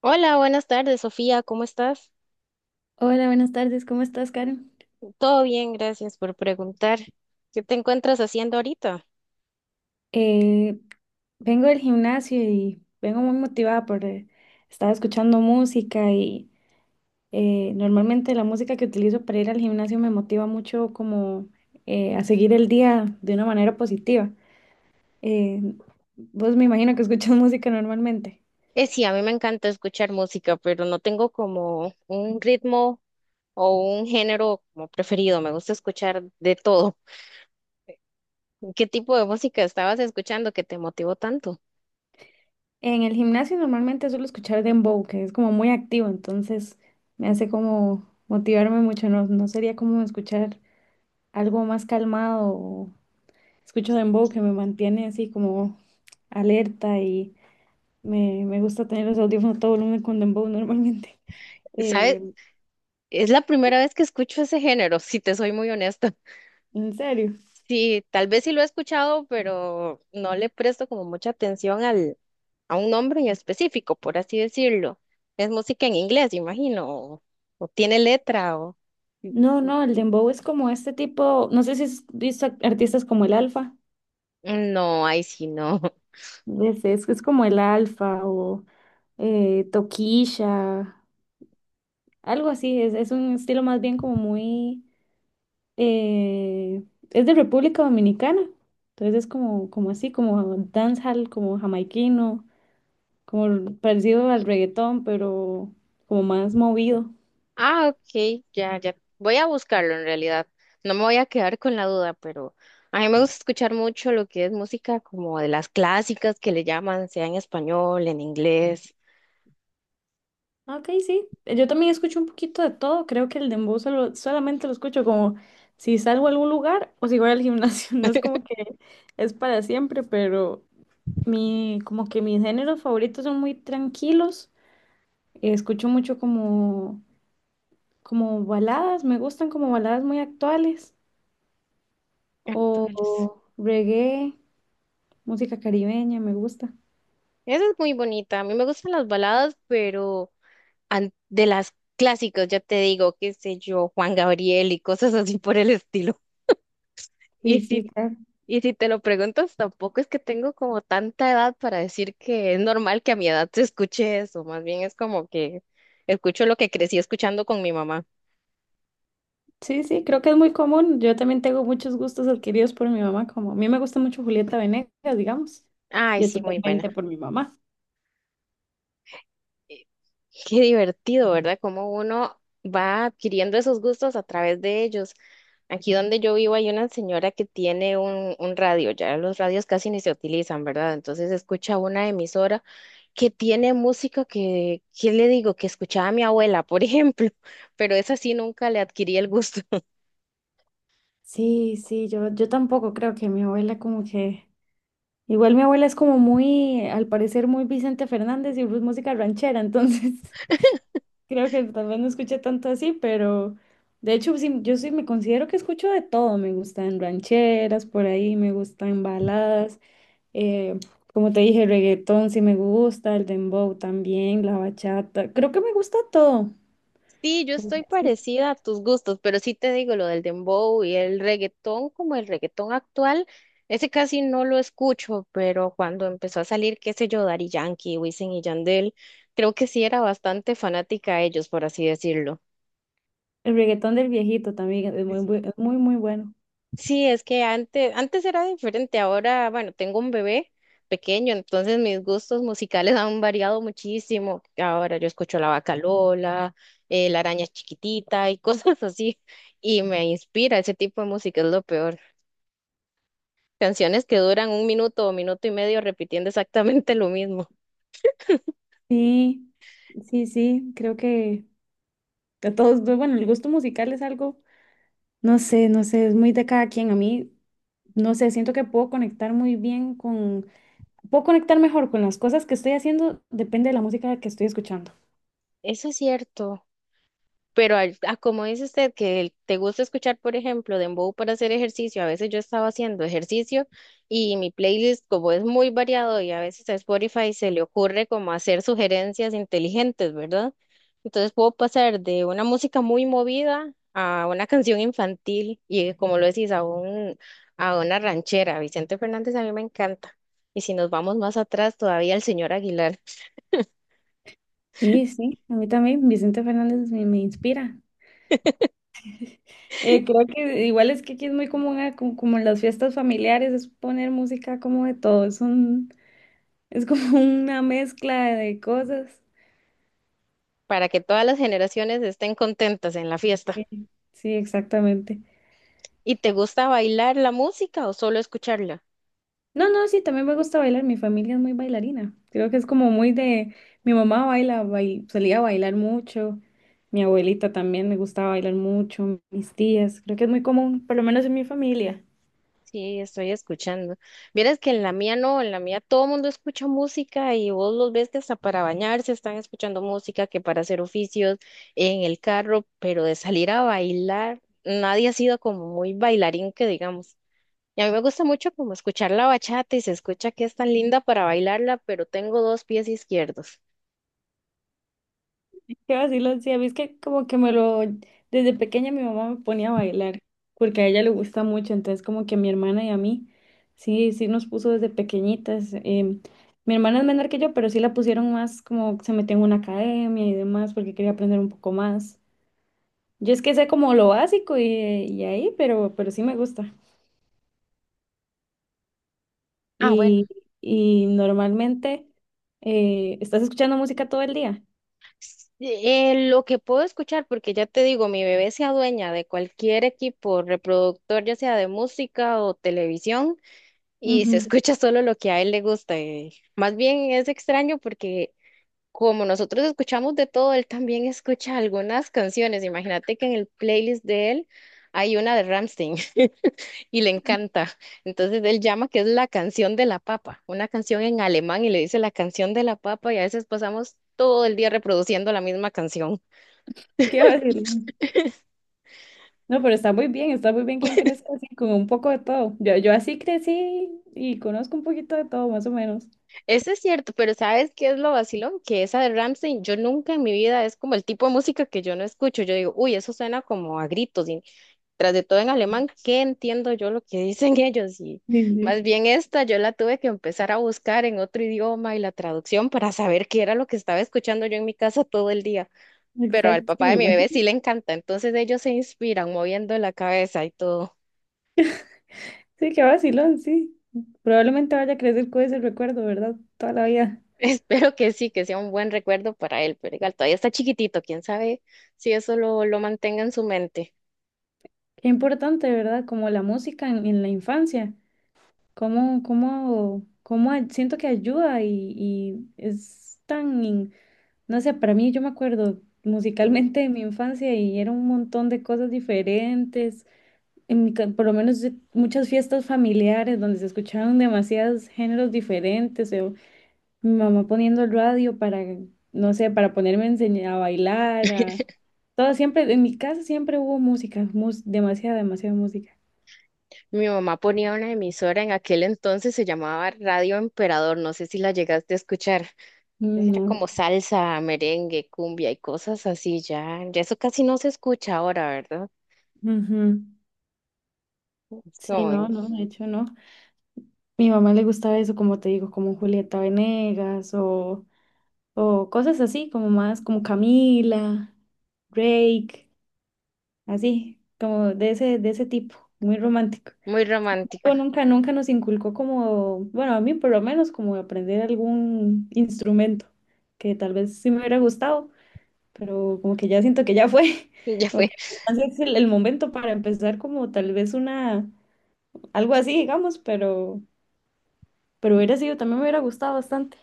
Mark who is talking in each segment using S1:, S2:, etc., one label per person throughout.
S1: Hola, buenas tardes, Sofía, ¿cómo estás?
S2: Hola, buenas tardes, ¿cómo estás, Karen?
S1: Todo bien, gracias por preguntar. ¿Qué te encuentras haciendo ahorita?
S2: Eh, Vengo del gimnasio y vengo muy motivada porque estaba escuchando música y normalmente la música que utilizo para ir al gimnasio me motiva mucho como a seguir el día de una manera positiva. Eh, Vos me imagino que escuchas música normalmente.
S1: Sí, a mí me encanta escuchar música, pero no tengo como un ritmo o un género como preferido. Me gusta escuchar de todo. ¿Qué tipo de música estabas escuchando que te motivó tanto?
S2: En el gimnasio normalmente suelo escuchar dembow, que es como muy activo, entonces me hace como motivarme mucho, no, no sería como escuchar algo más calmado. Escucho dembow que me mantiene así como alerta y me gusta tener los audífonos a todo volumen con dembow normalmente.
S1: ¿Sabes?
S2: Eh,
S1: Es la primera vez que escucho ese género, si te soy muy honesta.
S2: en serio.
S1: Sí, tal vez sí lo he escuchado, pero no le presto como mucha atención a un nombre en específico, por así decirlo. Es música en inglés, imagino, o tiene letra, o...
S2: No, no, el dembow es como este tipo, no sé si has visto artistas como el Alfa,
S1: No, ahí sí no.
S2: es como el Alfa o Toquilla, algo así, es un estilo más bien como muy, eh, es de República Dominicana, entonces es como, como así, como dancehall, como jamaiquino. Como parecido al reggaetón, pero como más movido.
S1: Ah, ok, ya, ya. Voy a buscarlo en realidad. No me voy a quedar con la duda, pero a mí me gusta escuchar mucho lo que es música como de las clásicas que le llaman, sea en español, en inglés.
S2: Ok, sí. Yo también escucho un poquito de todo. Creo que el dembow solo, solamente lo escucho como si salgo a algún lugar o si voy al gimnasio. No es como que es para siempre, pero mi, como que mis géneros favoritos son muy tranquilos. Escucho mucho como, como baladas. Me gustan como baladas muy actuales
S1: Actuales.
S2: o reggae, música caribeña, me gusta.
S1: Esa es muy bonita. A mí me gustan las baladas, pero de las clásicas, ya te digo, qué sé yo, Juan Gabriel y cosas así por el estilo. Y
S2: Sí, sí,
S1: si
S2: claro.
S1: Y si te lo preguntas, tampoco es que tengo como tanta edad para decir que es normal que a mi edad se escuche eso. Más bien es como que escucho lo que crecí escuchando con mi mamá.
S2: Sí, sí, creo que es muy común. Yo también tengo muchos gustos adquiridos por mi mamá, como a mí me gusta mucho Julieta Venegas, digamos,
S1: Ay,
S2: y es
S1: sí, muy buena.
S2: totalmente por mi mamá.
S1: Eh, Qué divertido, ¿verdad? Cómo uno va adquiriendo esos gustos a través de ellos. Aquí donde yo vivo hay una señora que tiene un radio, ya los radios casi ni se utilizan, ¿verdad? Entonces escucha una emisora que tiene música que, ¿qué le digo? Que escuchaba a mi abuela, por ejemplo, pero esa sí nunca le adquirí el gusto.
S2: Sí, sí, yo tampoco creo que mi abuela como que... Igual mi abuela es como muy, al parecer, muy Vicente Fernández y pues música ranchera, entonces creo que tal vez no escuché tanto así, pero de hecho sí, yo sí me considero que escucho de todo, me gustan rancheras por ahí, me gustan baladas. Eh, Como te dije, el reggaetón sí me gusta, el dembow también, la bachata. Creo que me gusta todo.
S1: Sí, yo estoy
S2: Podría decir.
S1: parecida a tus gustos, pero sí te digo lo del dembow y el reggaetón, como el reggaetón actual, ese casi no lo escucho, pero cuando empezó a salir, qué sé yo, Daddy Yankee, Wisin y Yandel, creo que sí era bastante fanática a ellos, por así decirlo.
S2: El reggaetón del viejito también es muy, es muy, muy bueno.
S1: Sí, es que antes era diferente, ahora, bueno, tengo un bebé pequeño, entonces mis gustos musicales han variado muchísimo. Ahora yo escucho La Vaca Lola, La Araña Chiquitita y cosas así, y me inspira ese tipo de música, es lo peor. Canciones que duran un minuto o minuto y medio repitiendo exactamente lo mismo.
S2: Sí, sí, sí, creo que a todos, bueno, el gusto musical es algo, no sé, no sé, es muy de cada quien. A mí, no sé, siento que puedo conectar muy bien con, puedo conectar mejor con las cosas que estoy haciendo, depende de la música que estoy escuchando.
S1: Eso es cierto. Pero a como dice usted que te gusta escuchar, por ejemplo, dembow para hacer ejercicio, a veces yo estaba haciendo ejercicio y mi playlist, como es muy variado y a veces a Spotify se le ocurre como hacer sugerencias inteligentes, ¿verdad? Entonces puedo pasar de una música muy movida a una canción infantil y como lo decís, a una ranchera. Vicente Fernández a mí me encanta. Y si nos vamos más atrás, todavía el señor Aguilar,
S2: Sí, sí, a mí también Vicente Fernández me inspira. Creo que igual es que aquí es muy común, ah, como, como en las fiestas familiares, es poner música como de todo, es un, es como una mezcla de cosas.
S1: para que todas las generaciones estén contentas en la fiesta.
S2: Sí, sí, exactamente.
S1: ¿Y te gusta bailar la música o solo escucharla?
S2: No, no, sí, también me gusta bailar, mi familia es muy bailarina, creo que es como muy de, mi mamá baila, solía bailar mucho, mi abuelita también le gustaba bailar mucho, mis tías, creo que es muy común, por lo menos en mi familia.
S1: Sí, estoy escuchando. Vieras que en la mía no, en la mía todo el mundo escucha música y vos los ves que hasta para bañarse están escuchando música, que para hacer oficios en el carro, pero de salir a bailar, nadie ha sido como muy bailarín que digamos. Y a mí me gusta mucho como escuchar la bachata y se escucha que es tan linda para bailarla, pero tengo dos pies izquierdos.
S2: Qué vacilo, sí, a mí es que como que me lo, desde pequeña mi mamá me ponía a bailar, porque a ella le gusta mucho, entonces como que a mi hermana y a mí, sí, sí nos puso desde pequeñitas. Mi hermana es menor que yo, pero sí la pusieron más como se metió en una academia y demás, porque quería aprender un poco más. Yo es que sé como lo básico y ahí, pero sí me gusta.
S1: Ah,
S2: Y, y normalmente, ¿estás escuchando música todo el día?
S1: Lo que puedo escuchar, porque ya te digo, mi bebé se adueña de cualquier equipo reproductor, ya sea de música o televisión, y se
S2: Ujú.
S1: escucha solo lo que a él le gusta. Más bien es extraño porque como nosotros escuchamos de todo, él también escucha algunas canciones. Imagínate que en el playlist de él hay una de Rammstein y le encanta. Entonces él llama que es la canción de la papa, una canción en alemán y le dice la canción de la papa y a veces pasamos todo el día reproduciendo la misma canción.
S2: Qué vacilo. No, pero está muy bien que crezca así, con un poco de todo. Yo así crecí y conozco un poquito de todo, más o menos.
S1: Eso es cierto, pero ¿sabes qué es lo vacilón? Que esa de Rammstein, yo nunca en mi vida es como el tipo de música que yo no escucho. Yo digo, uy, eso suena como a gritos, tras de todo en alemán, ¿qué entiendo yo lo que dicen ellos? Y
S2: Sí,
S1: más
S2: sí.
S1: bien esta, yo la tuve que empezar a buscar en otro idioma y la traducción para saber qué era lo que estaba escuchando yo en mi casa todo el día. Pero al
S2: Exacto, sí,
S1: papá
S2: me
S1: de mi bebé sí
S2: imagino.
S1: le encanta, entonces ellos se inspiran moviendo la cabeza y todo.
S2: Sí, qué vacilón, sí. Probablemente vaya a crecer con ese recuerdo, ¿verdad? Toda la vida.
S1: Espero que sí, que sea un buen recuerdo para él, pero igual todavía está chiquitito, quién sabe si eso lo mantenga en su mente.
S2: Qué importante, ¿verdad? Como la música en la infancia. Cómo, cómo, siento que ayuda y es tan, no sé, para mí yo me acuerdo musicalmente de mi infancia y era un montón de cosas diferentes. En mi por lo menos muchas fiestas familiares donde se escuchaban demasiados géneros diferentes, o mi mamá poniendo el radio para, no sé, para ponerme a enseñar a bailar, a todo siempre, en mi casa siempre hubo música, demasiada, demasiada música.
S1: Mi mamá ponía una emisora en aquel entonces, se llamaba Radio Emperador, no sé si la llegaste a escuchar.
S2: Mm.
S1: Era
S2: No.
S1: como salsa, merengue, cumbia y cosas así, ya, ya eso casi no se escucha ahora, ¿verdad?
S2: Ujú.
S1: Es
S2: Sí, no,
S1: como
S2: no, de hecho no. Mi mamá le gustaba eso, como te digo, como Julieta Venegas o cosas así, como más como Camila, Drake. Así, como de ese tipo, muy romántico.
S1: muy
S2: Sin
S1: romántico,
S2: embargo, nunca, nunca nos inculcó como, bueno, a mí por lo menos como aprender algún instrumento, que tal vez sí me hubiera gustado, pero como que ya siento que ya fue,
S1: ya
S2: como
S1: fue.
S2: que así es el momento para empezar como tal vez una, algo así, digamos, pero hubiera sido, también me hubiera gustado bastante.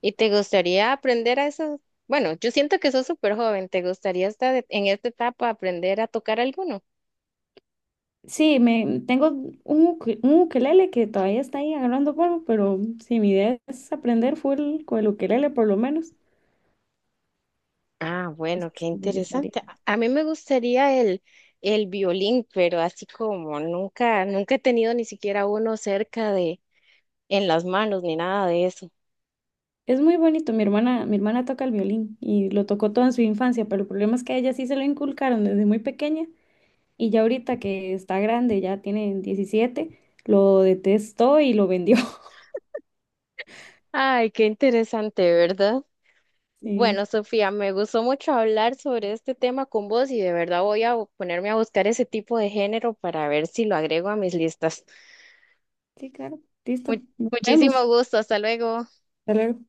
S1: ¿Y te gustaría aprender a eso? Bueno, yo siento que sos súper joven, ¿te gustaría estar en esta etapa aprender a tocar alguno?
S2: Sí, me, tengo un, un ukelele que todavía está ahí agarrando polvo, pero sí, mi idea es aprender full con el ukelele por lo menos.
S1: Ah,
S2: Sí,
S1: bueno, qué
S2: sí, me gustaría.
S1: interesante. A mí me gustaría el violín, pero así como nunca, nunca he tenido ni siquiera uno cerca de, en las manos ni nada de eso.
S2: Es muy bonito. Mi hermana toca el violín y lo tocó toda en su infancia, pero el problema es que a ella sí se lo inculcaron desde muy pequeña y ya ahorita que está grande, ya tiene 17, lo detestó y lo vendió.
S1: Ay, qué interesante, ¿verdad? Bueno,
S2: Sí,
S1: Sofía, me gustó mucho hablar sobre este tema con vos y de verdad voy a ponerme a buscar ese tipo de género para ver si lo agrego a mis listas.
S2: sí, claro. Listo.
S1: Mu-
S2: Nos
S1: muchísimo
S2: vemos.
S1: gusto, hasta luego.
S2: Hasta luego.